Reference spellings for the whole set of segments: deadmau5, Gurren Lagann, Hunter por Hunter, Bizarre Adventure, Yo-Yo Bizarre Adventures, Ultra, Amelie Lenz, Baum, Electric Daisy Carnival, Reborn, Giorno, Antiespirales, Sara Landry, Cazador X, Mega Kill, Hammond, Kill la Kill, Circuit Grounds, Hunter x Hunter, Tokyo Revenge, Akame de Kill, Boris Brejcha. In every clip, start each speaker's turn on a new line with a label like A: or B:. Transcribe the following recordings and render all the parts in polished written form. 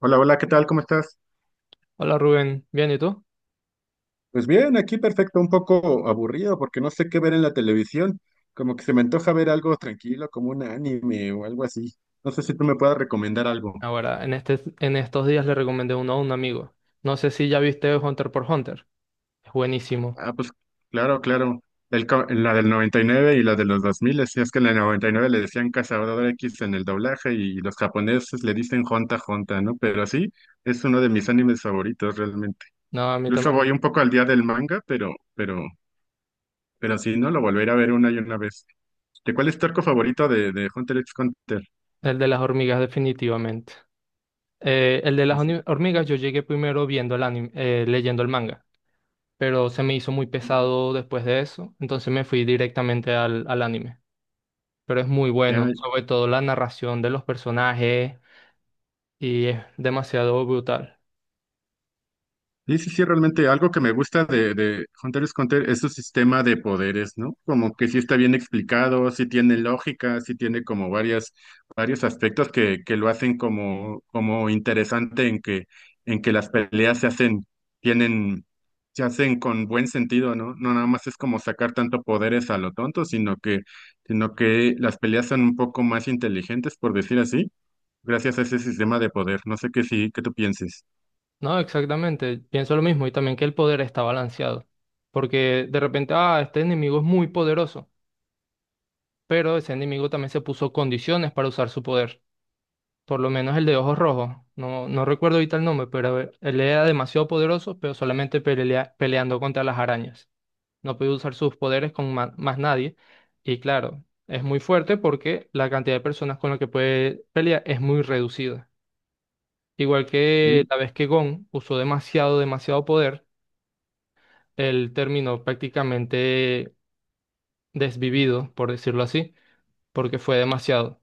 A: Hola, hola, ¿qué tal? ¿Cómo estás?
B: Hola Rubén, ¿bien y tú?
A: Pues bien, aquí perfecto, un poco aburrido porque no sé qué ver en la televisión. Como que se me antoja ver algo tranquilo, como un anime o algo así. No sé si tú me puedas recomendar algo.
B: Ahora, en estos días le recomendé uno a un amigo. No sé si ya viste Hunter por Hunter. Es buenísimo.
A: Ah, pues claro, claro. La del 99 y la de los 2000, si es que en la 99 le decían Cazador X en el doblaje y los japoneses le dicen Honta Honta, ¿no? Pero sí, es uno de mis animes favoritos realmente.
B: No, a mí
A: Incluso
B: también.
A: voy un poco al día del manga, pero sí, ¿no? Lo volveré a ver una y una vez. ¿De cuál es tu arco favorito de Hunter x Hunter?
B: El de las hormigas, definitivamente. El de las
A: Es-
B: hormigas, yo llegué primero viendo el anime, leyendo el manga, pero se me hizo muy pesado después de eso, entonces me fui directamente al anime. Pero es muy bueno,
A: ya-
B: sobre todo la narración de los personajes y es demasiado brutal.
A: sí, sí, sí, realmente algo que me gusta de Hunter x Hunter es su sistema de poderes, ¿no? Como que sí está bien explicado, sí tiene lógica, sí tiene como varios aspectos que lo hacen como interesante en que las peleas tienen, se hacen con buen sentido, ¿no? No nada más es como sacar tanto poderes a lo tonto, sino que las peleas son un poco más inteligentes, por decir así gracias a ese sistema de poder. No sé qué tú pienses.
B: No, exactamente. Pienso lo mismo y también que el poder está balanceado. Porque de repente, ah, este enemigo es muy poderoso, pero ese enemigo también se puso condiciones para usar su poder. Por lo menos el de ojos rojos. No recuerdo ahorita el nombre, pero a ver, él era demasiado poderoso, pero solamente peleando contra las arañas. No podía usar sus poderes con más nadie. Y claro, es muy fuerte porque la cantidad de personas con las que puede pelear es muy reducida. Igual que
A: Y-
B: la vez que Gon usó demasiado poder. Él terminó prácticamente desvivido, por decirlo así, porque fue demasiado.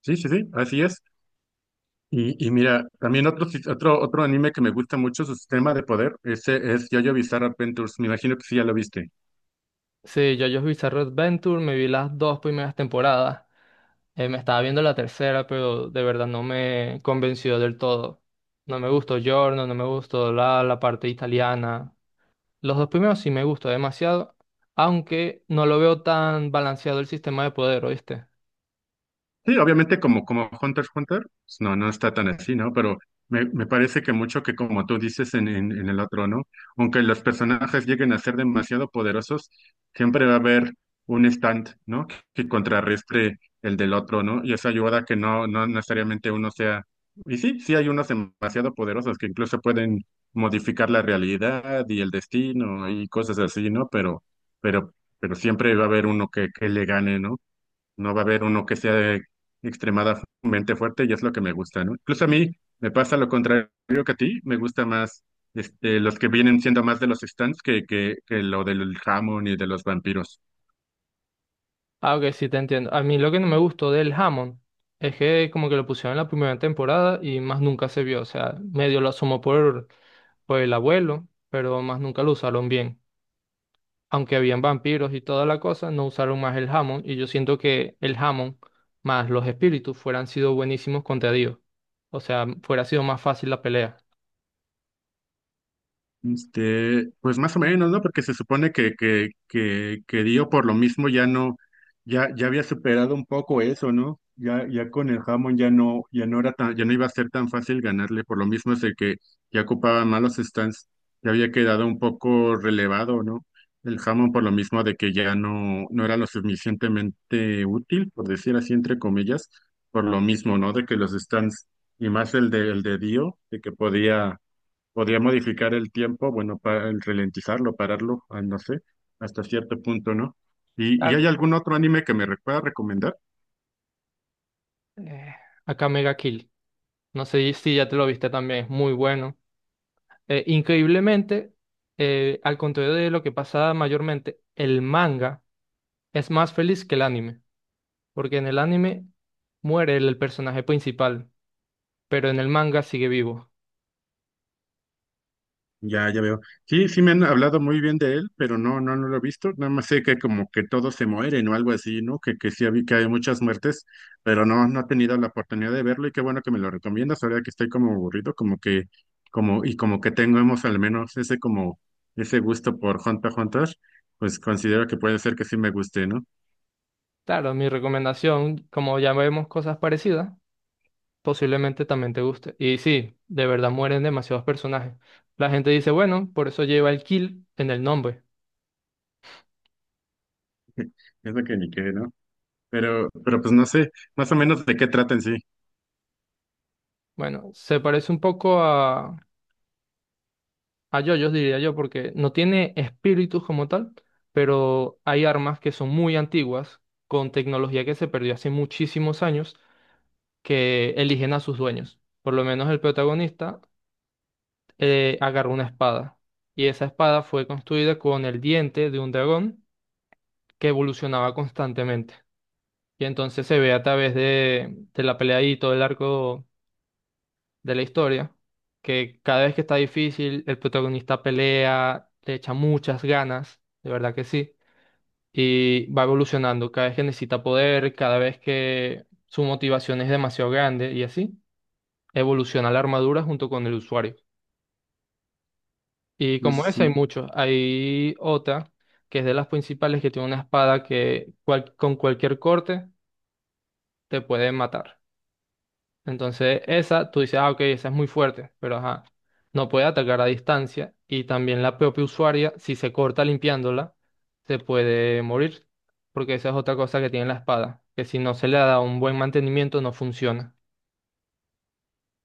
A: Sí, sí, sí, así es. Y mira, también otro anime que me gusta mucho, su sistema de poder, ese es Yo-Yo Bizarre Adventures. Me imagino que sí ya lo viste.
B: Sí, yo Bizarre Adventure, me vi las dos primeras temporadas. Me estaba viendo la tercera, pero de verdad no me convenció del todo. No me gustó Giorno, no me gustó la parte italiana. Los dos primeros sí me gustó demasiado, aunque no lo veo tan balanceado el sistema de poder, ¿oíste?
A: Sí, obviamente como Hunter x Hunter, pues, no está tan así, ¿no? Pero me parece que mucho que como tú dices en el otro, ¿no? Aunque los personajes lleguen a ser demasiado poderosos, siempre va a haber un stand, ¿no? Que contrarrestre el del otro, ¿no? Y eso ayuda a que no necesariamente uno sea. Y sí, sí hay unos demasiado poderosos que incluso pueden modificar la realidad y el destino y cosas así, ¿no? Pero siempre va a haber uno que le gane, ¿no? No va a haber uno que sea extremadamente fuerte y es lo que me gusta, ¿no? Incluso a mí me pasa lo contrario que a ti, me gusta más los que vienen siendo más de los stands que lo del jamón y de los vampiros.
B: Ah, ok, sí, te entiendo. A mí lo que no me gustó del Hammond es que como que lo pusieron en la primera temporada y más nunca se vio. O sea, medio lo asomó por el abuelo, pero más nunca lo usaron bien. Aunque habían vampiros y toda la cosa, no usaron más el Hammond y yo siento que el Hammond más los espíritus fueran sido buenísimos contra Dios. O sea, fuera sido más fácil la pelea.
A: Pues más o menos, ¿no? Porque se supone que Dio por lo mismo ya no, ya había superado un poco eso, ¿no? Ya con el Hammond ya no iba a ser tan fácil ganarle, por lo mismo es el que ya ocupaba malos stands, ya había quedado un poco relevado, ¿no? El Hammond por lo mismo de que ya no era lo suficientemente útil, por decir así, entre comillas, por lo mismo, ¿no? De que los stands, y más el de Dio, de que podía Podría modificar el tiempo, bueno, para el ralentizarlo, pararlo, ah, no sé, hasta cierto punto, ¿no? ¿Y
B: Ah,
A: hay algún otro anime que pueda recomendar?
B: eh, Acá Mega Kill. No sé si ya te lo viste también, es muy bueno. Increíblemente, al contrario de lo que pasa mayormente, el manga es más feliz que el anime, porque en el anime muere el personaje principal, pero en el manga sigue vivo.
A: Ya, ya veo. Sí, sí me han hablado muy bien de él, pero no, no, no lo he visto. Nada más sé que como que todos se mueren o algo así, ¿no? Que sí vi que hay muchas muertes, pero no he tenido la oportunidad de verlo y qué bueno que me lo recomiendas ahora que estoy como aburrido, y como que tengamos al menos ese gusto por Hunter x Hunter, pues considero que puede ser que sí me guste, ¿no?
B: Claro, mi recomendación, como ya vemos cosas parecidas, posiblemente también te guste. Y sí, de verdad mueren demasiados personajes. La gente dice, bueno, por eso lleva el kill en el nombre.
A: Es de que ni qué, ¿no? Pero pues no sé, más o menos de qué trata en sí.
B: Bueno, se parece un poco a yoyos, diría yo, porque no tiene espíritus como tal, pero hay armas que son muy antiguas, con tecnología que se perdió hace muchísimos años, que eligen a sus dueños. Por lo menos el protagonista agarró una espada, y esa espada fue construida con el diente de un dragón que evolucionaba constantemente. Y entonces se ve a través de la pelea y todo el arco de la historia, que cada vez que está difícil, el protagonista pelea, le echa muchas ganas, de verdad que sí, y va evolucionando cada vez que necesita poder, cada vez que su motivación es demasiado grande y así, evoluciona la armadura junto con el usuario. Y
A: Sí, sí,
B: como esa hay
A: sí.
B: muchos, hay otra que es de las principales que tiene una espada que con cualquier corte te puede matar. Entonces, esa, tú dices, ah, ok, esa es muy fuerte, pero ajá, no puede atacar a distancia y también la propia usuaria, si se corta limpiándola, se puede morir, porque esa es otra cosa que tiene la espada, que si no se le da un buen mantenimiento no funciona.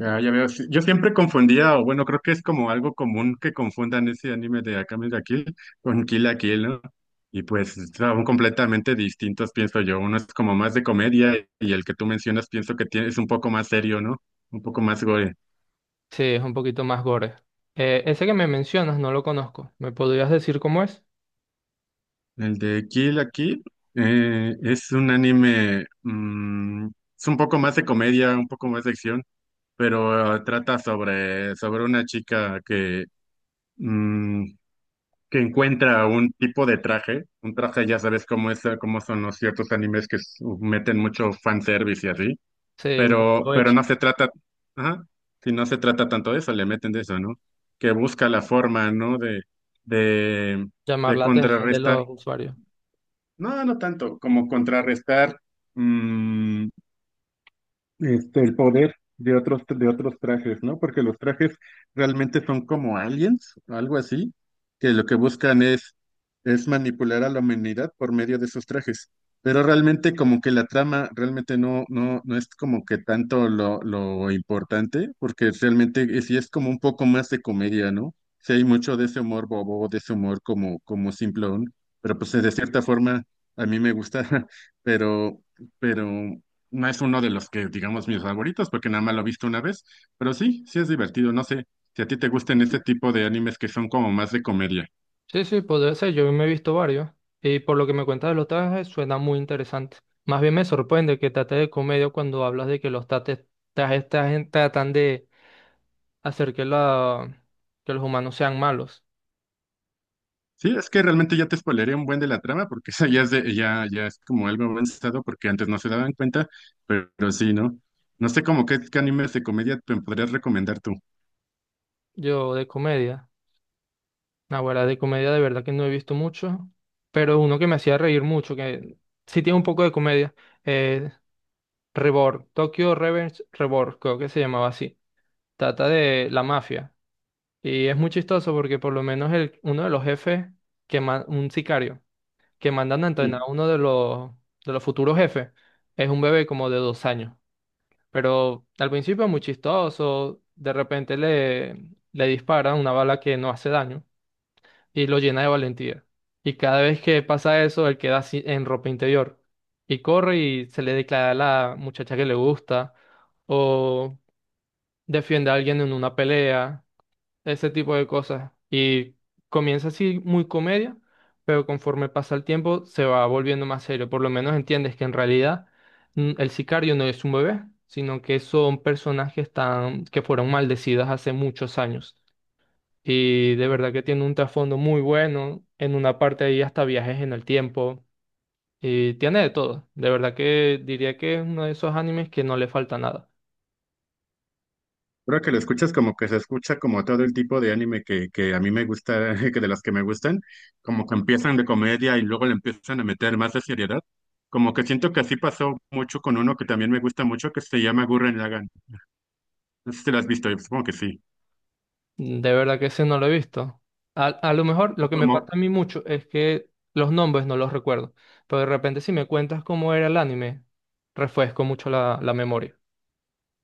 A: Ah, ya veo. Sí. Yo siempre confundía, o bueno, creo que es como algo común que confundan ese anime de Akame de Kill con Kill la Kill, ¿no? Y pues son completamente distintos, pienso yo. Uno es como más de comedia y el que tú mencionas pienso que tiene, es un poco más serio, ¿no? Un poco más gore.
B: Sí, es un poquito más gore. Ese que me mencionas no lo conozco, ¿me podrías decir cómo es?
A: El de Kill la Kill es un anime, es un poco más de comedia, un poco más de acción pero trata sobre una chica mm, que encuentra un tipo de traje, un traje ya sabes cómo es, cómo son los ciertos animes que meten mucho fanservice y así, pero,
B: Lo
A: pero
B: eche,
A: no se trata, ajá, si no se trata tanto de eso, le meten de eso, ¿no? Que busca la forma, ¿no? De,
B: llamar
A: de
B: la atención de
A: contrarrestar,
B: los usuarios.
A: no, no tanto, como contrarrestar. mm, el poder de otros, trajes, ¿no? Porque los trajes realmente son como aliens, algo así, que lo que buscan es manipular a la humanidad por medio de sus trajes. Pero realmente como que la trama realmente no es como que tanto lo importante, porque realmente sí es como un poco más de comedia, ¿no? Sí hay mucho de ese humor bobo, de ese humor como simplón, pero pues de cierta forma a mí me gusta, pero, pero no es uno de los que, digamos, mis favoritos, porque nada más lo he visto una vez, pero sí, sí es divertido. No sé si a ti te gusten este tipo de animes que son como más de comedia.
B: Sí, sí, podría ser. Yo me he visto varios. Y por lo que me cuentas de los trajes, suena muy interesante. Más bien me sorprende que trate de comedia cuando hablas de que los trajes, tratan de hacer que, que los humanos sean malos.
A: Sí, es que realmente ya te spoileré un buen de la trama, porque esa ya es como algo avanzado, porque antes no se daban cuenta, pero sí, ¿no? No sé como qué animes de comedia te podrías recomendar tú.
B: Yo de comedia. Ahora de comedia de verdad que no he visto mucho. Pero uno que me hacía reír mucho, que sí tiene un poco de comedia. Eh, Reborn, Tokyo Revenge Reborn, creo que se llamaba así. Trata de la mafia. Y es muy chistoso porque por lo menos uno de los jefes, que un sicario, que mandan a entrenar a uno de de los futuros jefes, es un bebé como de 2 años. Pero al principio es muy chistoso, de repente le dispara una bala que no hace daño y lo llena de valentía. Y cada vez que pasa eso, él queda así en ropa interior y corre y se le declara a la muchacha que le gusta o defiende a alguien en una pelea, ese tipo de cosas. Y comienza así muy comedia, pero conforme pasa el tiempo se va volviendo más serio. Por lo menos entiendes que en realidad, mm, el sicario no es un bebé, sino que son personajes tan, que fueron maldecidas hace muchos años. Y de verdad que tiene un trasfondo muy bueno. En una parte ahí hasta viajes en el tiempo. Y tiene de todo. De verdad que diría que es uno de esos animes que no le falta nada.
A: Creo que lo escuchas como que se escucha como todo el tipo de anime que a mí me gusta, que de los que me gustan, como que empiezan de comedia y luego le empiezan a meter más de seriedad. Como que siento que así pasó mucho con uno que también me gusta mucho, que se llama Gurren Lagann. No sé si lo has visto, yo supongo que sí.
B: De verdad que ese no lo he visto. A lo mejor
A: Y
B: lo que me pasa
A: como,
B: a mí mucho es que los nombres no los recuerdo, pero de repente si me cuentas cómo era el anime, refresco mucho la memoria.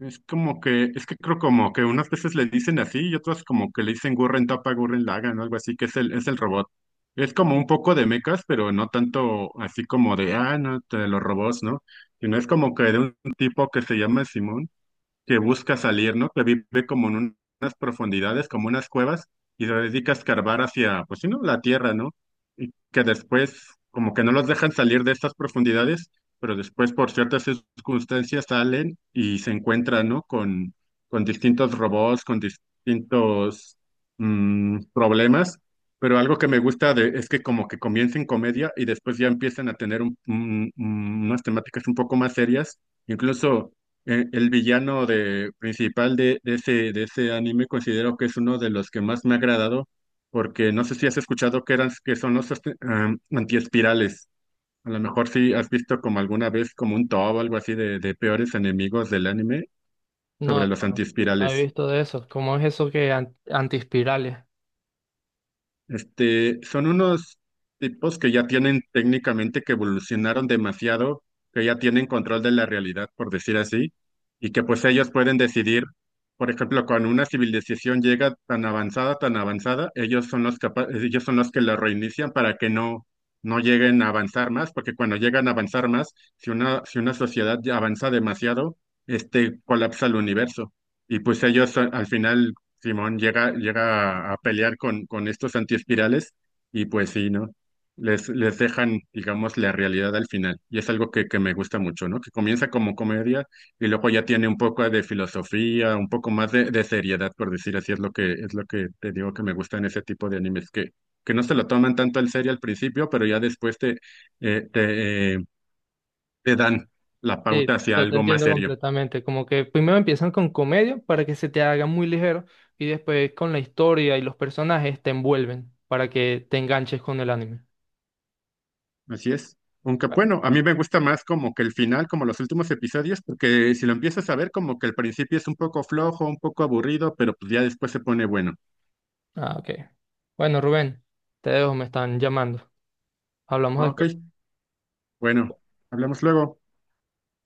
A: es que creo como que unas veces le dicen así y otras como que le dicen Gurren Tapa, Gurren Lagann o algo así, que es el robot. Es como un poco de mechas, pero no tanto así como de, ah, no, los robots, ¿no? Sino es como que de un tipo que se llama Simón que busca salir, ¿no? Que vive como en unas profundidades, como unas cuevas, y se dedica a escarbar hacia, pues sí, ¿no? La tierra, ¿no? Y que después, como que no los dejan salir de estas profundidades, pero después por ciertas circunstancias salen y se encuentran, ¿no? Con distintos robots, con distintos problemas. Pero algo que me gusta de, es que como que comiencen comedia y después ya empiezan a tener unas temáticas un poco más serias. Incluso el villano principal de ese anime considero que es uno de los que más me ha agradado, porque no sé si has escuchado que eran, que son los antiespirales. A lo mejor sí has visto como alguna vez como un top o algo así de peores enemigos del anime
B: No,
A: sobre los
B: no he
A: antiespirales.
B: visto de eso. ¿Cómo es eso que antiespirales?
A: Son unos tipos que ya tienen técnicamente que evolucionaron demasiado, que ya tienen control de la realidad, por decir así, y que pues ellos pueden decidir, por ejemplo, cuando una civilización llega tan avanzada, ellos son los que la reinician para que no lleguen a avanzar más, porque cuando llegan a avanzar más, si una sociedad ya avanza demasiado, colapsa el universo. Y pues ellos al final Simón llega a pelear con estos antiespirales y pues sí, ¿no? Les dejan, digamos, la realidad al final. Y es algo que me gusta mucho, ¿no? Que comienza como comedia y luego ya tiene un poco de filosofía, un poco más de seriedad, por decir así, es lo que te digo que me gusta en ese tipo de animes, que no se lo toman tanto al serio al principio, pero ya después eh, te, eh, te dan la pauta
B: Sí,
A: hacia
B: yo te
A: algo más
B: entiendo
A: serio.
B: completamente. Como que primero empiezan con comedia para que se te haga muy ligero y después con la historia y los personajes te envuelven para que te enganches con el anime.
A: Así es. Aunque
B: Bueno.
A: bueno, a mí me gusta más como que el final, como los últimos episodios, porque si lo empiezas a ver, como que el principio es un poco flojo, un poco aburrido, pero pues ya después se pone bueno.
B: Ah, ok. Bueno, Rubén, te dejo, me están llamando. Hablamos
A: Ok,
B: después.
A: bueno, hablamos luego.